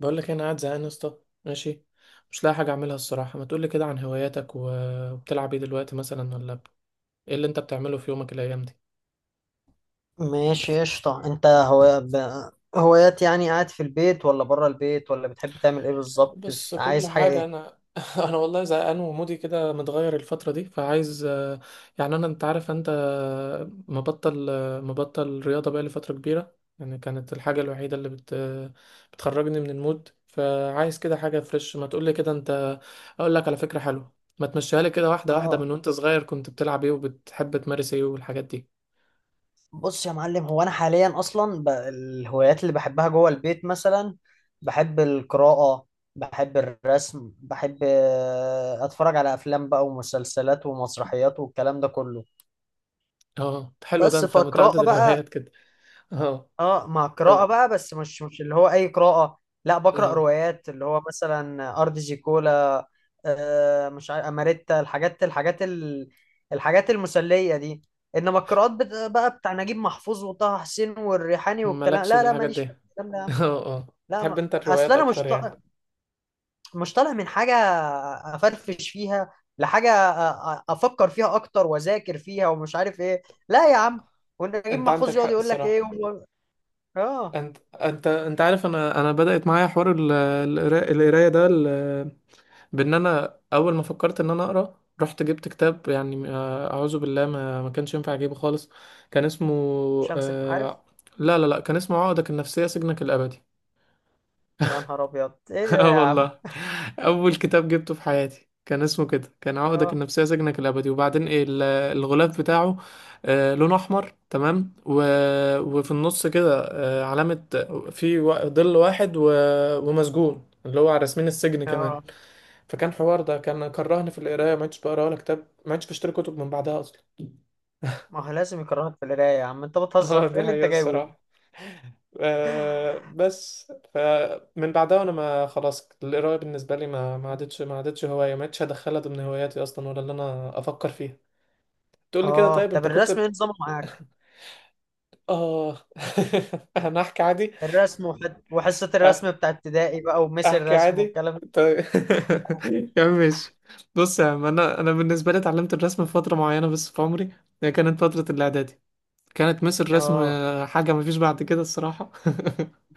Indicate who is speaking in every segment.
Speaker 1: بقول لك إيه، انا قاعد زهقان يا اسطى. ماشي. مش لاقي حاجه اعملها الصراحه. ما تقول لي كده عن هواياتك وبتلعب ايه دلوقتي مثلا ايه اللي انت بتعمله في يومك الايام دي؟
Speaker 2: ماشي، قشطة. هوايات يعني؟ قاعد في البيت ولا بره البيت، ولا بتحب تعمل ايه بالظبط؟
Speaker 1: بص كل
Speaker 2: عايز حاجة
Speaker 1: حاجة
Speaker 2: ايه؟
Speaker 1: أنا أنا والله زهقان ومودي كده متغير الفترة دي فعايز، يعني أنت عارف، أنت مبطل رياضة بقى لفترة كبيرة، يعني كانت الحاجة الوحيدة اللي بتخرجني من المود. فعايز كده حاجة فريش. ما تقولي كده أنت، أقول لك على فكرة حلوة. ما تمشيها لي كده واحدة واحدة، من
Speaker 2: اه،
Speaker 1: وأنت صغير كنت بتلعب إيه وبتحب تمارس إيه والحاجات دي.
Speaker 2: بص يا معلم، هو انا حاليا الهوايات اللي بحبها جوه البيت مثلا بحب القراءة، بحب الرسم، بحب اتفرج على افلام بقى ومسلسلات ومسرحيات والكلام ده كله.
Speaker 1: أه، حلو ده،
Speaker 2: بس
Speaker 1: أنت متعدد
Speaker 2: فقراءة بقى.
Speaker 1: الهوايات كده. أه.
Speaker 2: اه، مع قراءة
Speaker 1: طب.
Speaker 2: بقى، بس مش اللي هو أي قراءة. لا، بقرأ
Speaker 1: أه.
Speaker 2: روايات اللي هو مثلا أرض زيكولا، مش عارف أماريتا، الحاجات المسلية دي. إنما القراءات بقى بتاع نجيب محفوظ وطه حسين والريحاني والكلام،
Speaker 1: مالكش في
Speaker 2: لا لا،
Speaker 1: الحاجات
Speaker 2: ماليش
Speaker 1: دي
Speaker 2: في الكلام ده يا عم.
Speaker 1: اه، اه.
Speaker 2: لا،
Speaker 1: تحب
Speaker 2: ما
Speaker 1: انت
Speaker 2: أصل
Speaker 1: الروايات
Speaker 2: أنا
Speaker 1: اكتر يعني؟
Speaker 2: مش طالع من حاجة أفرفش فيها، لحاجة أفكر فيها أكتر، وأذاكر فيها ومش عارف إيه. لا يا عم، ونجيب
Speaker 1: انت عندك
Speaker 2: محفوظ يقعد
Speaker 1: حق
Speaker 2: يقول لك إيه
Speaker 1: الصراحة.
Speaker 2: آه
Speaker 1: انت عارف، انا بدأت معايا حوار القراية ده بان انا اول ما فكرت ان انا اقرا رحت جبت كتاب، يعني اعوذ بالله، ما كانش ينفع اجيبه خالص. كان اسمه،
Speaker 2: شمس، عارف.
Speaker 1: آه، لا لا لا، كان اسمه عقدك النفسية سجنك الابدي.
Speaker 2: يا نهار ابيض، ايه ده
Speaker 1: اه
Speaker 2: يا عم؟
Speaker 1: والله. اول كتاب جبته في حياتي كان اسمه كده، كان عقدك
Speaker 2: اه
Speaker 1: النفسيه سجنك الابدي. وبعدين ايه الغلاف بتاعه؟ لونه احمر تمام وفي النص كده علامه. في ظل واحد ومسجون اللي هو على رسمين السجن كمان.
Speaker 2: اه،
Speaker 1: فكان حوار ده كان كرهني في القرايه، ما عدتش بقرا ولا كتاب، ما عدتش بشتري كتب من بعدها اصلا.
Speaker 2: ما هو لازم يكرهك في القرايه يا عم، انت بتهزر؟
Speaker 1: اه،
Speaker 2: ايه
Speaker 1: دي
Speaker 2: اللي انت
Speaker 1: حقيقة
Speaker 2: جايبه ده؟
Speaker 1: الصراحة. بس فمن بعدها، وانا ما خلاص القراية بالنسبة لي ما عادتش هواية، ما عادتش هدخلها ضمن هواياتي اصلا ولا اللي انا افكر فيها. تقول لي كده
Speaker 2: اه،
Speaker 1: طيب،
Speaker 2: طب
Speaker 1: انت كنت
Speaker 2: الرسم ايه نظامه معاك؟
Speaker 1: اه انا احكي عادي.
Speaker 2: وحصه
Speaker 1: أه.
Speaker 2: الرسم بتاع ابتدائي بقى، وميس
Speaker 1: احكي
Speaker 2: الرسم
Speaker 1: عادي.
Speaker 2: والكلام ده.
Speaker 1: طيب يا عم ماشي. بص يا عم، انا بالنسبة لي اتعلمت الرسم في فترة معينة بس في عمري. هي كانت فترة الاعدادي. كانت مس الرسم
Speaker 2: اه،
Speaker 1: حاجة مفيش بعد كده الصراحة.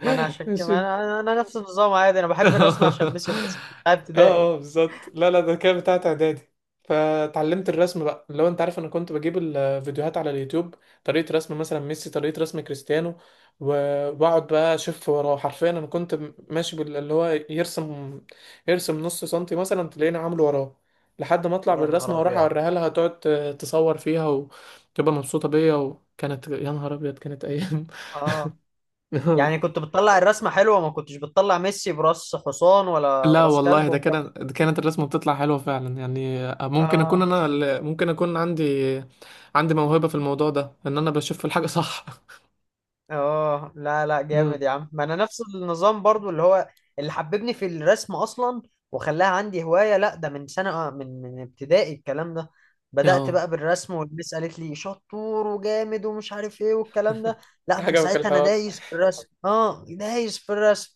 Speaker 2: ما انا عشان كده، ما
Speaker 1: ماشي.
Speaker 2: انا, أنا نفس النظام عادي، انا بحب الرسم عشان
Speaker 1: اه،
Speaker 2: ميس الرسم بتاع ابتدائي.
Speaker 1: اه، بالظبط. لا، لا، ده كان بتاعت اعدادي. فتعلمت الرسم بقى. لو انت عارف، انا كنت بجيب الفيديوهات على اليوتيوب، طريقة رسم مثلا ميسي، طريقة رسم كريستيانو، واقعد بقى اشوف وراه. حرفيا انا كنت ماشي باللي هو يرسم. يرسم نص سنتي مثلا تلاقيني عامله وراه. لحد ما اطلع
Speaker 2: يا نهار
Speaker 1: بالرسمه واروح
Speaker 2: ابيض
Speaker 1: اوريها لها، تقعد تصور فيها وتبقى مبسوطه بيا، وكانت يا نهار ابيض كانت ايام.
Speaker 2: اه، يعني كنت بتطلع الرسمه حلوه؟ ما كنتش بتطلع ميسي براس حصان ولا
Speaker 1: لا
Speaker 2: براس كلب
Speaker 1: والله،
Speaker 2: والكلام ده.
Speaker 1: ده كانت الرسمة بتطلع حلوة فعلا، يعني ممكن أكون
Speaker 2: اه
Speaker 1: عندي موهبة في الموضوع ده، إن أنا بشوف الحاجة صح
Speaker 2: اه، لا لا،
Speaker 1: أمم.
Speaker 2: جامد يا عم. ما انا نفس النظام برضو، اللي هو اللي حببني في الرسم اصلا وخلاها عندي هواية. لا ده من سنة، من ابتدائي الكلام ده. بدأت
Speaker 1: اه،
Speaker 2: بقى بالرسم والمس قالت لي شطور وجامد ومش عارف ايه والكلام ده. لا، من
Speaker 1: عجبك
Speaker 2: ساعتها انا
Speaker 1: الحوار.
Speaker 2: دايس في الرسم، اه دايس في الرسم.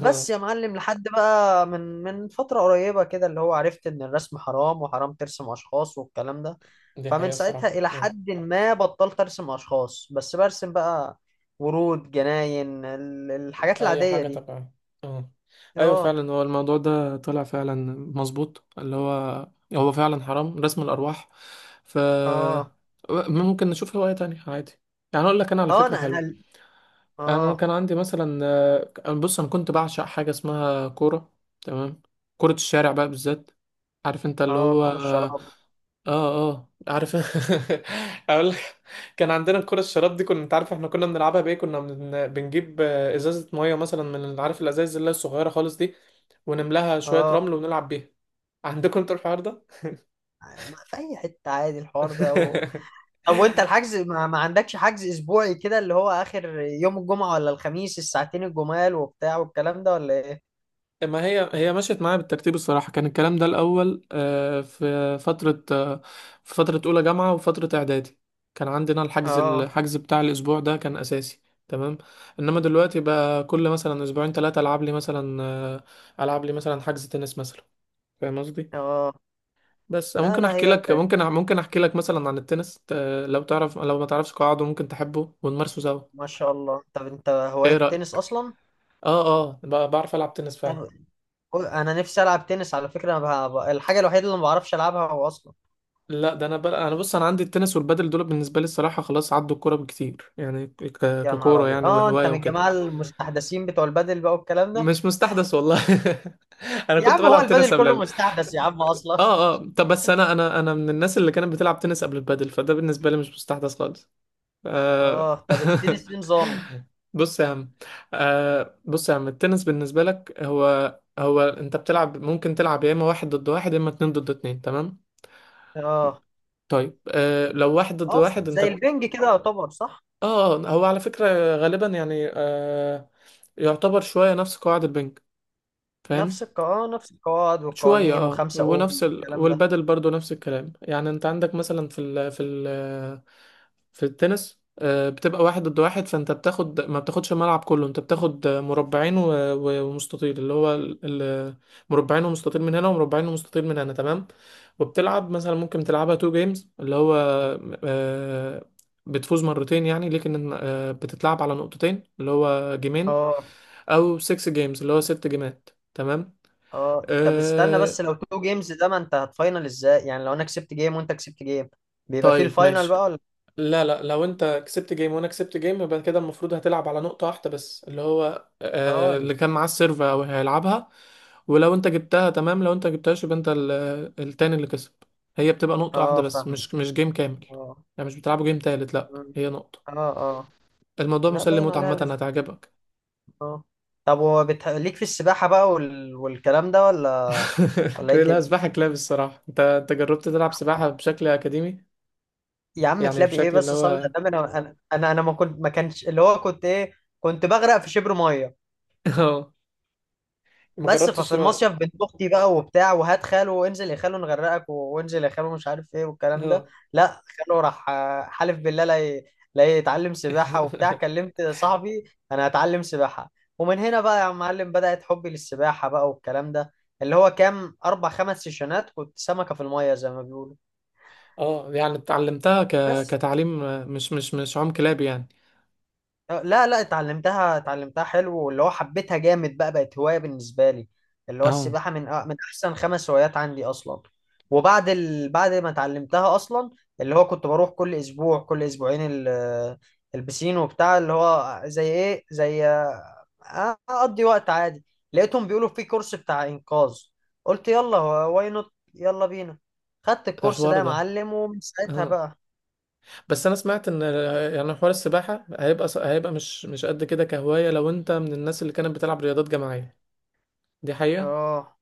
Speaker 1: آه،
Speaker 2: يا معلم، لحد بقى من فترة قريبة كده، اللي هو عرفت ان الرسم حرام، وحرام ترسم اشخاص والكلام ده.
Speaker 1: دي
Speaker 2: فمن
Speaker 1: حقيقة
Speaker 2: ساعتها
Speaker 1: الصراحة
Speaker 2: الى
Speaker 1: آه.
Speaker 2: حد ما بطلت ارسم اشخاص، بس برسم بقى ورود، جناين، الحاجات
Speaker 1: أي
Speaker 2: العادية
Speaker 1: حاجة
Speaker 2: دي.
Speaker 1: طبعا. اه، أيوة
Speaker 2: اه،
Speaker 1: فعلا هو الموضوع ده طلع فعلا مظبوط اللي هو، هو فعلا حرام رسم الأرواح. ف،
Speaker 2: اه،
Speaker 1: ممكن نشوف هواية تانية عادي. يعني أقول لك أنا على
Speaker 2: اه،
Speaker 1: فكرة حلوة. انا
Speaker 2: اه،
Speaker 1: كان عندي مثلا، آه، أنا بص، انا كنت بعشق حاجه اسمها كوره. تمام. كره الشارع بقى بالذات، عارف انت اللي
Speaker 2: اه
Speaker 1: هو.
Speaker 2: كرة الشراب.
Speaker 1: اه، اه، عارف. اقول لك. كان عندنا الكره الشراب دي، كنا انت عارف احنا كنا بنلعبها بايه، كنا بنجيب ازازه ميه مثلا من، عارف الازايز اللي هي الصغيره خالص دي، ونملاها شويه
Speaker 2: اه،
Speaker 1: رمل ونلعب بيها. عندكم انتوا الحوار ده؟
Speaker 2: ما في اي حتة عادي الحوار ده و... طب، وانت الحجز ما عندكش حجز اسبوعي كده، اللي هو اخر يوم الجمعة ولا الخميس، الساعتين الجمال وبتاع والكلام ده ولا ايه؟
Speaker 1: ما هي، هي مشيت معايا بالترتيب الصراحة. كان الكلام ده الأول في فترة أولى جامعة وفترة إعدادي. كان عندنا الحجز
Speaker 2: اه،
Speaker 1: الحجز بتاع الأسبوع ده كان أساسي. تمام. إنما دلوقتي بقى، كل مثلا أسبوعين 3، ألعب لي مثلا حجز تنس مثلا، فاهم قصدي.
Speaker 2: اه،
Speaker 1: بس
Speaker 2: لا
Speaker 1: ممكن
Speaker 2: لا،
Speaker 1: أحكي لك، مثلا عن التنس، لو تعرف لو ما تعرفش قواعده ممكن تحبه ونمارسه سوا.
Speaker 2: ما شاء الله. طب، انت هواية
Speaker 1: إيه
Speaker 2: التنس
Speaker 1: رأيك؟
Speaker 2: اصلا؟
Speaker 1: آه، آه، بعرف ألعب تنس فعلا.
Speaker 2: طب، انا نفسي العب تنس على فكرة، انا بقى... الحاجة الوحيدة اللي ما بعرفش العبها هو اصلا.
Speaker 1: لا، ده انا بقى، انا بص، انا عندي التنس والبادل دول بالنسبه لي الصراحه، خلاص عدوا الكوره بكتير، يعني
Speaker 2: يا نهار
Speaker 1: ككوره،
Speaker 2: ابيض
Speaker 1: يعني
Speaker 2: اه، انت
Speaker 1: وهوايه
Speaker 2: من
Speaker 1: وكده.
Speaker 2: الجماعه المستحدثين بتوع البادل بقى والكلام ده؟
Speaker 1: مش مستحدث والله. انا
Speaker 2: يا
Speaker 1: كنت
Speaker 2: عم هو
Speaker 1: بلعب
Speaker 2: البادل
Speaker 1: تنس قبل
Speaker 2: كله مستحدث يا عم اصلا.
Speaker 1: اه، اه، طب بس انا، انا من الناس اللي كانت بتلعب تنس قبل البادل، فده بالنسبه لي مش مستحدث خالص.
Speaker 2: اه،
Speaker 1: آه...
Speaker 2: طب التنس ايه نظام؟
Speaker 1: بص يا عم بص يا عم، التنس بالنسبه لك، هو انت ممكن تلعب يا اما واحد ضد واحد يا اما اتنين ضد اتنين، تمام.
Speaker 2: اه
Speaker 1: طيب لو واحد ضد
Speaker 2: اه،
Speaker 1: واحد انت،
Speaker 2: زي البنج كده يعتبر صح؟
Speaker 1: اه، هو على فكرة غالبا يعني يعتبر شوية نفس قواعد البنك، فاهم؟
Speaker 2: اه نفس القواعد
Speaker 1: شوية
Speaker 2: والقوانين
Speaker 1: اه،
Speaker 2: وخمسة
Speaker 1: ونفس
Speaker 2: اوم والكلام ده.
Speaker 1: والبدل برضو نفس الكلام، يعني انت عندك مثلا في التنس، بتبقى واحد ضد واحد، فانت ما بتاخدش الملعب كله، انت بتاخد مربعين ومستطيل اللي هو مربعين ومستطيل من هنا ومربعين ومستطيل من هنا، تمام. وبتلعب مثلا ممكن تلعبها تو جيمز اللي هو آه، بتفوز مرتين، يعني لكن بتتلعب على نقطتين اللي هو جيمين،
Speaker 2: اه
Speaker 1: او 6 جيمز اللي هو 6 جيمات، تمام.
Speaker 2: اه، طب استنى بس،
Speaker 1: آه،
Speaker 2: لو تو جيمز ده ما انت هتفاينل ازاي؟ يعني لو انا كسبت جيم وانت كسبت جيم بيبقى فيه
Speaker 1: طيب
Speaker 2: الفاينل
Speaker 1: ماشي.
Speaker 2: بقى ولا؟
Speaker 1: لا، لا، لو انت كسبت جيم وانا كسبت جيم، يبقى كده المفروض هتلعب على نقطة واحدة بس اللي هو، آه،
Speaker 2: اه،
Speaker 1: اللي كان معاه السيرفر او هيلعبها. ولو انت جبتها تمام، لو انت جبتهاش يبقى انت التاني اللي كسب، هي بتبقى نقطة واحدة
Speaker 2: اه
Speaker 1: بس،
Speaker 2: فاهم،
Speaker 1: مش جيم كامل.
Speaker 2: اه،
Speaker 1: يعني مش بتلعبوا جيم تالت، لا هي نقطة.
Speaker 2: اه، اه.
Speaker 1: الموضوع
Speaker 2: لا
Speaker 1: مسلي
Speaker 2: باين
Speaker 1: موت
Speaker 2: عليها.
Speaker 1: عامة، هتعجبك.
Speaker 2: اه، طب ليك في السباحة بقى والكلام ده ولا؟ ولا ايه
Speaker 1: لا،
Speaker 2: الدنيا؟
Speaker 1: سباحة كلاب الصراحة. انت، انت جربت تلعب سباحة بشكل أكاديمي؟
Speaker 2: يا عم
Speaker 1: يعني
Speaker 2: كلاب ايه
Speaker 1: بشكل اللي
Speaker 2: بس، صلي
Speaker 1: هو.
Speaker 2: على النبي. انا انا انا أنا ما كنت ما كانش اللي هو كنت ايه؟ كنت بغرق في شبر ميه.
Speaker 1: اه، ما
Speaker 2: بس، ففي
Speaker 1: جربتش.
Speaker 2: المصيف، بنت اختي بقى وبتاع، وهات خاله وانزل يا خاله نغرقك وانزل يا خاله مش عارف ايه والكلام ده.
Speaker 1: اه،
Speaker 2: لا خاله راح، حلف بالله لا يتعلم سباحه وبتاع. كلمت صاحبي، انا هتعلم سباحه، ومن هنا بقى يا معلم بدأت حبي للسباحه بقى والكلام ده. اللي هو كام، اربع خمس سيشنات، كنت سمكه في الميه زي ما بيقولوا.
Speaker 1: اه، يعني اتعلمتها
Speaker 2: بس
Speaker 1: كتعليم، مش عم كلاب يعني.
Speaker 2: لا لا، اتعلمتها حلو، واللي هو حبيتها جامد بقى، بقت هواية بالنسبة لي. اللي هو
Speaker 1: اه،
Speaker 2: السباحة من من أحسن خمس هوايات عندي أصلا. وبعد بعد ما اتعلمتها أصلا، اللي هو كنت بروح كل أسبوع كل أسبوعين البسين وبتاع، اللي هو زي إيه، زي أقضي وقت عادي. لقيتهم بيقولوا في كورس بتاع إنقاذ، قلت يلا، واي نوت يلا بينا. خدت
Speaker 1: ده
Speaker 2: الكورس
Speaker 1: حوار
Speaker 2: ده يا
Speaker 1: ده.
Speaker 2: معلم، ومن ساعتها
Speaker 1: اه،
Speaker 2: بقى.
Speaker 1: بس انا سمعت ان، يعني حوار السباحة هيبقى مش قد كده كهواية لو انت من الناس اللي كانت بتلعب رياضات جماعية. دي حقيقة.
Speaker 2: اه،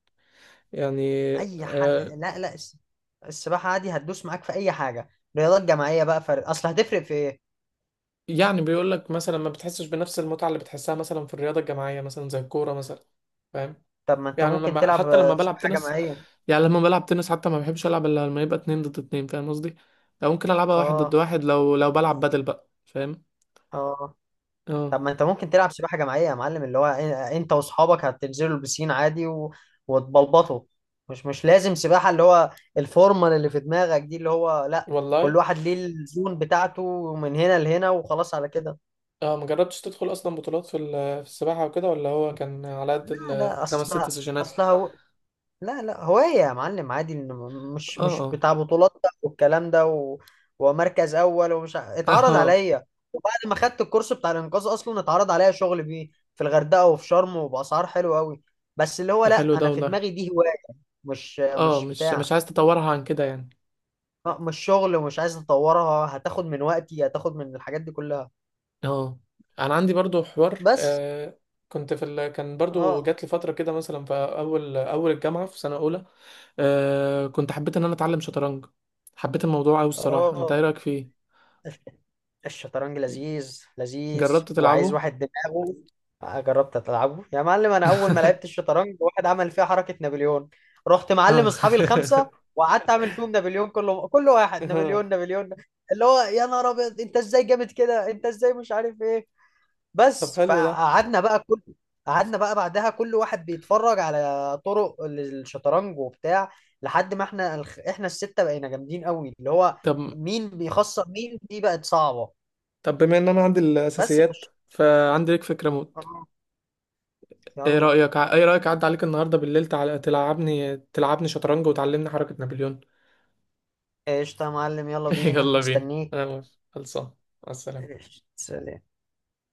Speaker 1: يعني
Speaker 2: اي
Speaker 1: آه
Speaker 2: حاجه، لا لا، السباحه عادي هتدوس معاك في اي حاجه. رياضات جماعيه بقى فرق، اصل هتفرق في ايه؟
Speaker 1: يعني بيقول لك مثلا ما بتحسش بنفس المتعة اللي بتحسها مثلا في الرياضة الجماعية مثلا زي الكورة مثلا، فاهم؟
Speaker 2: طب ما انت
Speaker 1: يعني
Speaker 2: ممكن
Speaker 1: لما
Speaker 2: تلعب
Speaker 1: حتى لما بلعب
Speaker 2: سباحه
Speaker 1: تنس
Speaker 2: جماعيه.
Speaker 1: يعني لما بلعب تنس حتى ما بحبش العب الا لما يبقى اتنين ضد اتنين، فاهم قصدي؟ لو ممكن العبها واحد ضد
Speaker 2: اه،
Speaker 1: واحد، لو بلعب بدل بقى، فاهم؟
Speaker 2: اه،
Speaker 1: اه،
Speaker 2: طب ما انت ممكن تلعب سباحه جماعيه يا معلم، اللي هو انت واصحابك هتنزلوا البسين عادي و... وتبلبطوا. مش مش لازم سباحه، اللي هو الفورمال اللي في دماغك دي، اللي هو لا. كل
Speaker 1: والله.
Speaker 2: واحد ليه الزون بتاعته من هنا لهنا وخلاص على كده.
Speaker 1: اه، ما جربتش تدخل اصلا بطولات في السباحه وكده؟ ولا هو كان على قد
Speaker 2: لا لا،
Speaker 1: الخمس ست
Speaker 2: اصلها
Speaker 1: سيشنات؟
Speaker 2: اصلها لا لا، هواية يا معلم عادي. إن مش مش
Speaker 1: اه،
Speaker 2: بتاع بطولات بقى والكلام ده و... ومركز أول ومش
Speaker 1: اه،
Speaker 2: اتعرض
Speaker 1: آه.
Speaker 2: عليا. وبعد ما خدت الكورس بتاع الإنقاذ أصلا، اتعرض عليا شغل بيه في الغردقة وفي شرم وبأسعار حلوة أوي. بس اللي هو
Speaker 1: ده
Speaker 2: لا،
Speaker 1: حلو ده
Speaker 2: أنا في
Speaker 1: والله.
Speaker 2: دماغي دي هواية، مش
Speaker 1: اه،
Speaker 2: مش
Speaker 1: مش
Speaker 2: بتاع.
Speaker 1: عايز تطورها عن كده يعني.
Speaker 2: مش شغل ومش عايز أطورها، هتاخد من وقتي، هتاخد من الحاجات دي كلها.
Speaker 1: اه، انا عندي برضو حوار،
Speaker 2: بس،
Speaker 1: كنت كان برضو
Speaker 2: اه،
Speaker 1: جات لي فتره كده مثلا في اول الجامعه في سنه اولى. كنت حبيت ان انا اتعلم شطرنج، حبيت الموضوع قوي الصراحه. انت ايه
Speaker 2: اه،
Speaker 1: رايك فيه؟
Speaker 2: الشطرنج لذيذ لذيذ
Speaker 1: جربت
Speaker 2: وعايز
Speaker 1: تلعبه؟
Speaker 2: واحد دماغه. جربت تلعبه يا معلم، انا اول ما لعبت الشطرنج واحد عمل فيها حركة نابليون. رحت معلم
Speaker 1: اه.
Speaker 2: اصحابي الخمسة، وقعدت اعمل فيهم نابليون كله، كل واحد
Speaker 1: آه،
Speaker 2: نابليون، نابليون. اللي هو يا نهار ابيض، انت ازاي جامد كده، انت ازاي مش عارف ايه.
Speaker 1: طب
Speaker 2: بس
Speaker 1: حلو ده.
Speaker 2: فقعدنا بقى كل قعدنا بقى بعدها كل واحد بيتفرج على طرق الشطرنج وبتاع، لحد ما احنا احنا الستة بقينا جامدين قوي. اللي هو
Speaker 1: طب.
Speaker 2: مين بيخسر مين دي بقت صعبة.
Speaker 1: طب بما ان انا عندي
Speaker 2: بس في
Speaker 1: الاساسيات،
Speaker 2: الش...
Speaker 1: فعندي لك فكره موت.
Speaker 2: آه، يلا.
Speaker 1: ايه رايك اعدي عليك النهارده بالليل تلعبني شطرنج وتعلمني حركه نابليون؟
Speaker 2: قشطة يا معلم، يلا بينا
Speaker 1: يلا بينا،
Speaker 2: مستنيك.
Speaker 1: انا موافق. خلصان. مع السلامه.
Speaker 2: قشطة، سلام.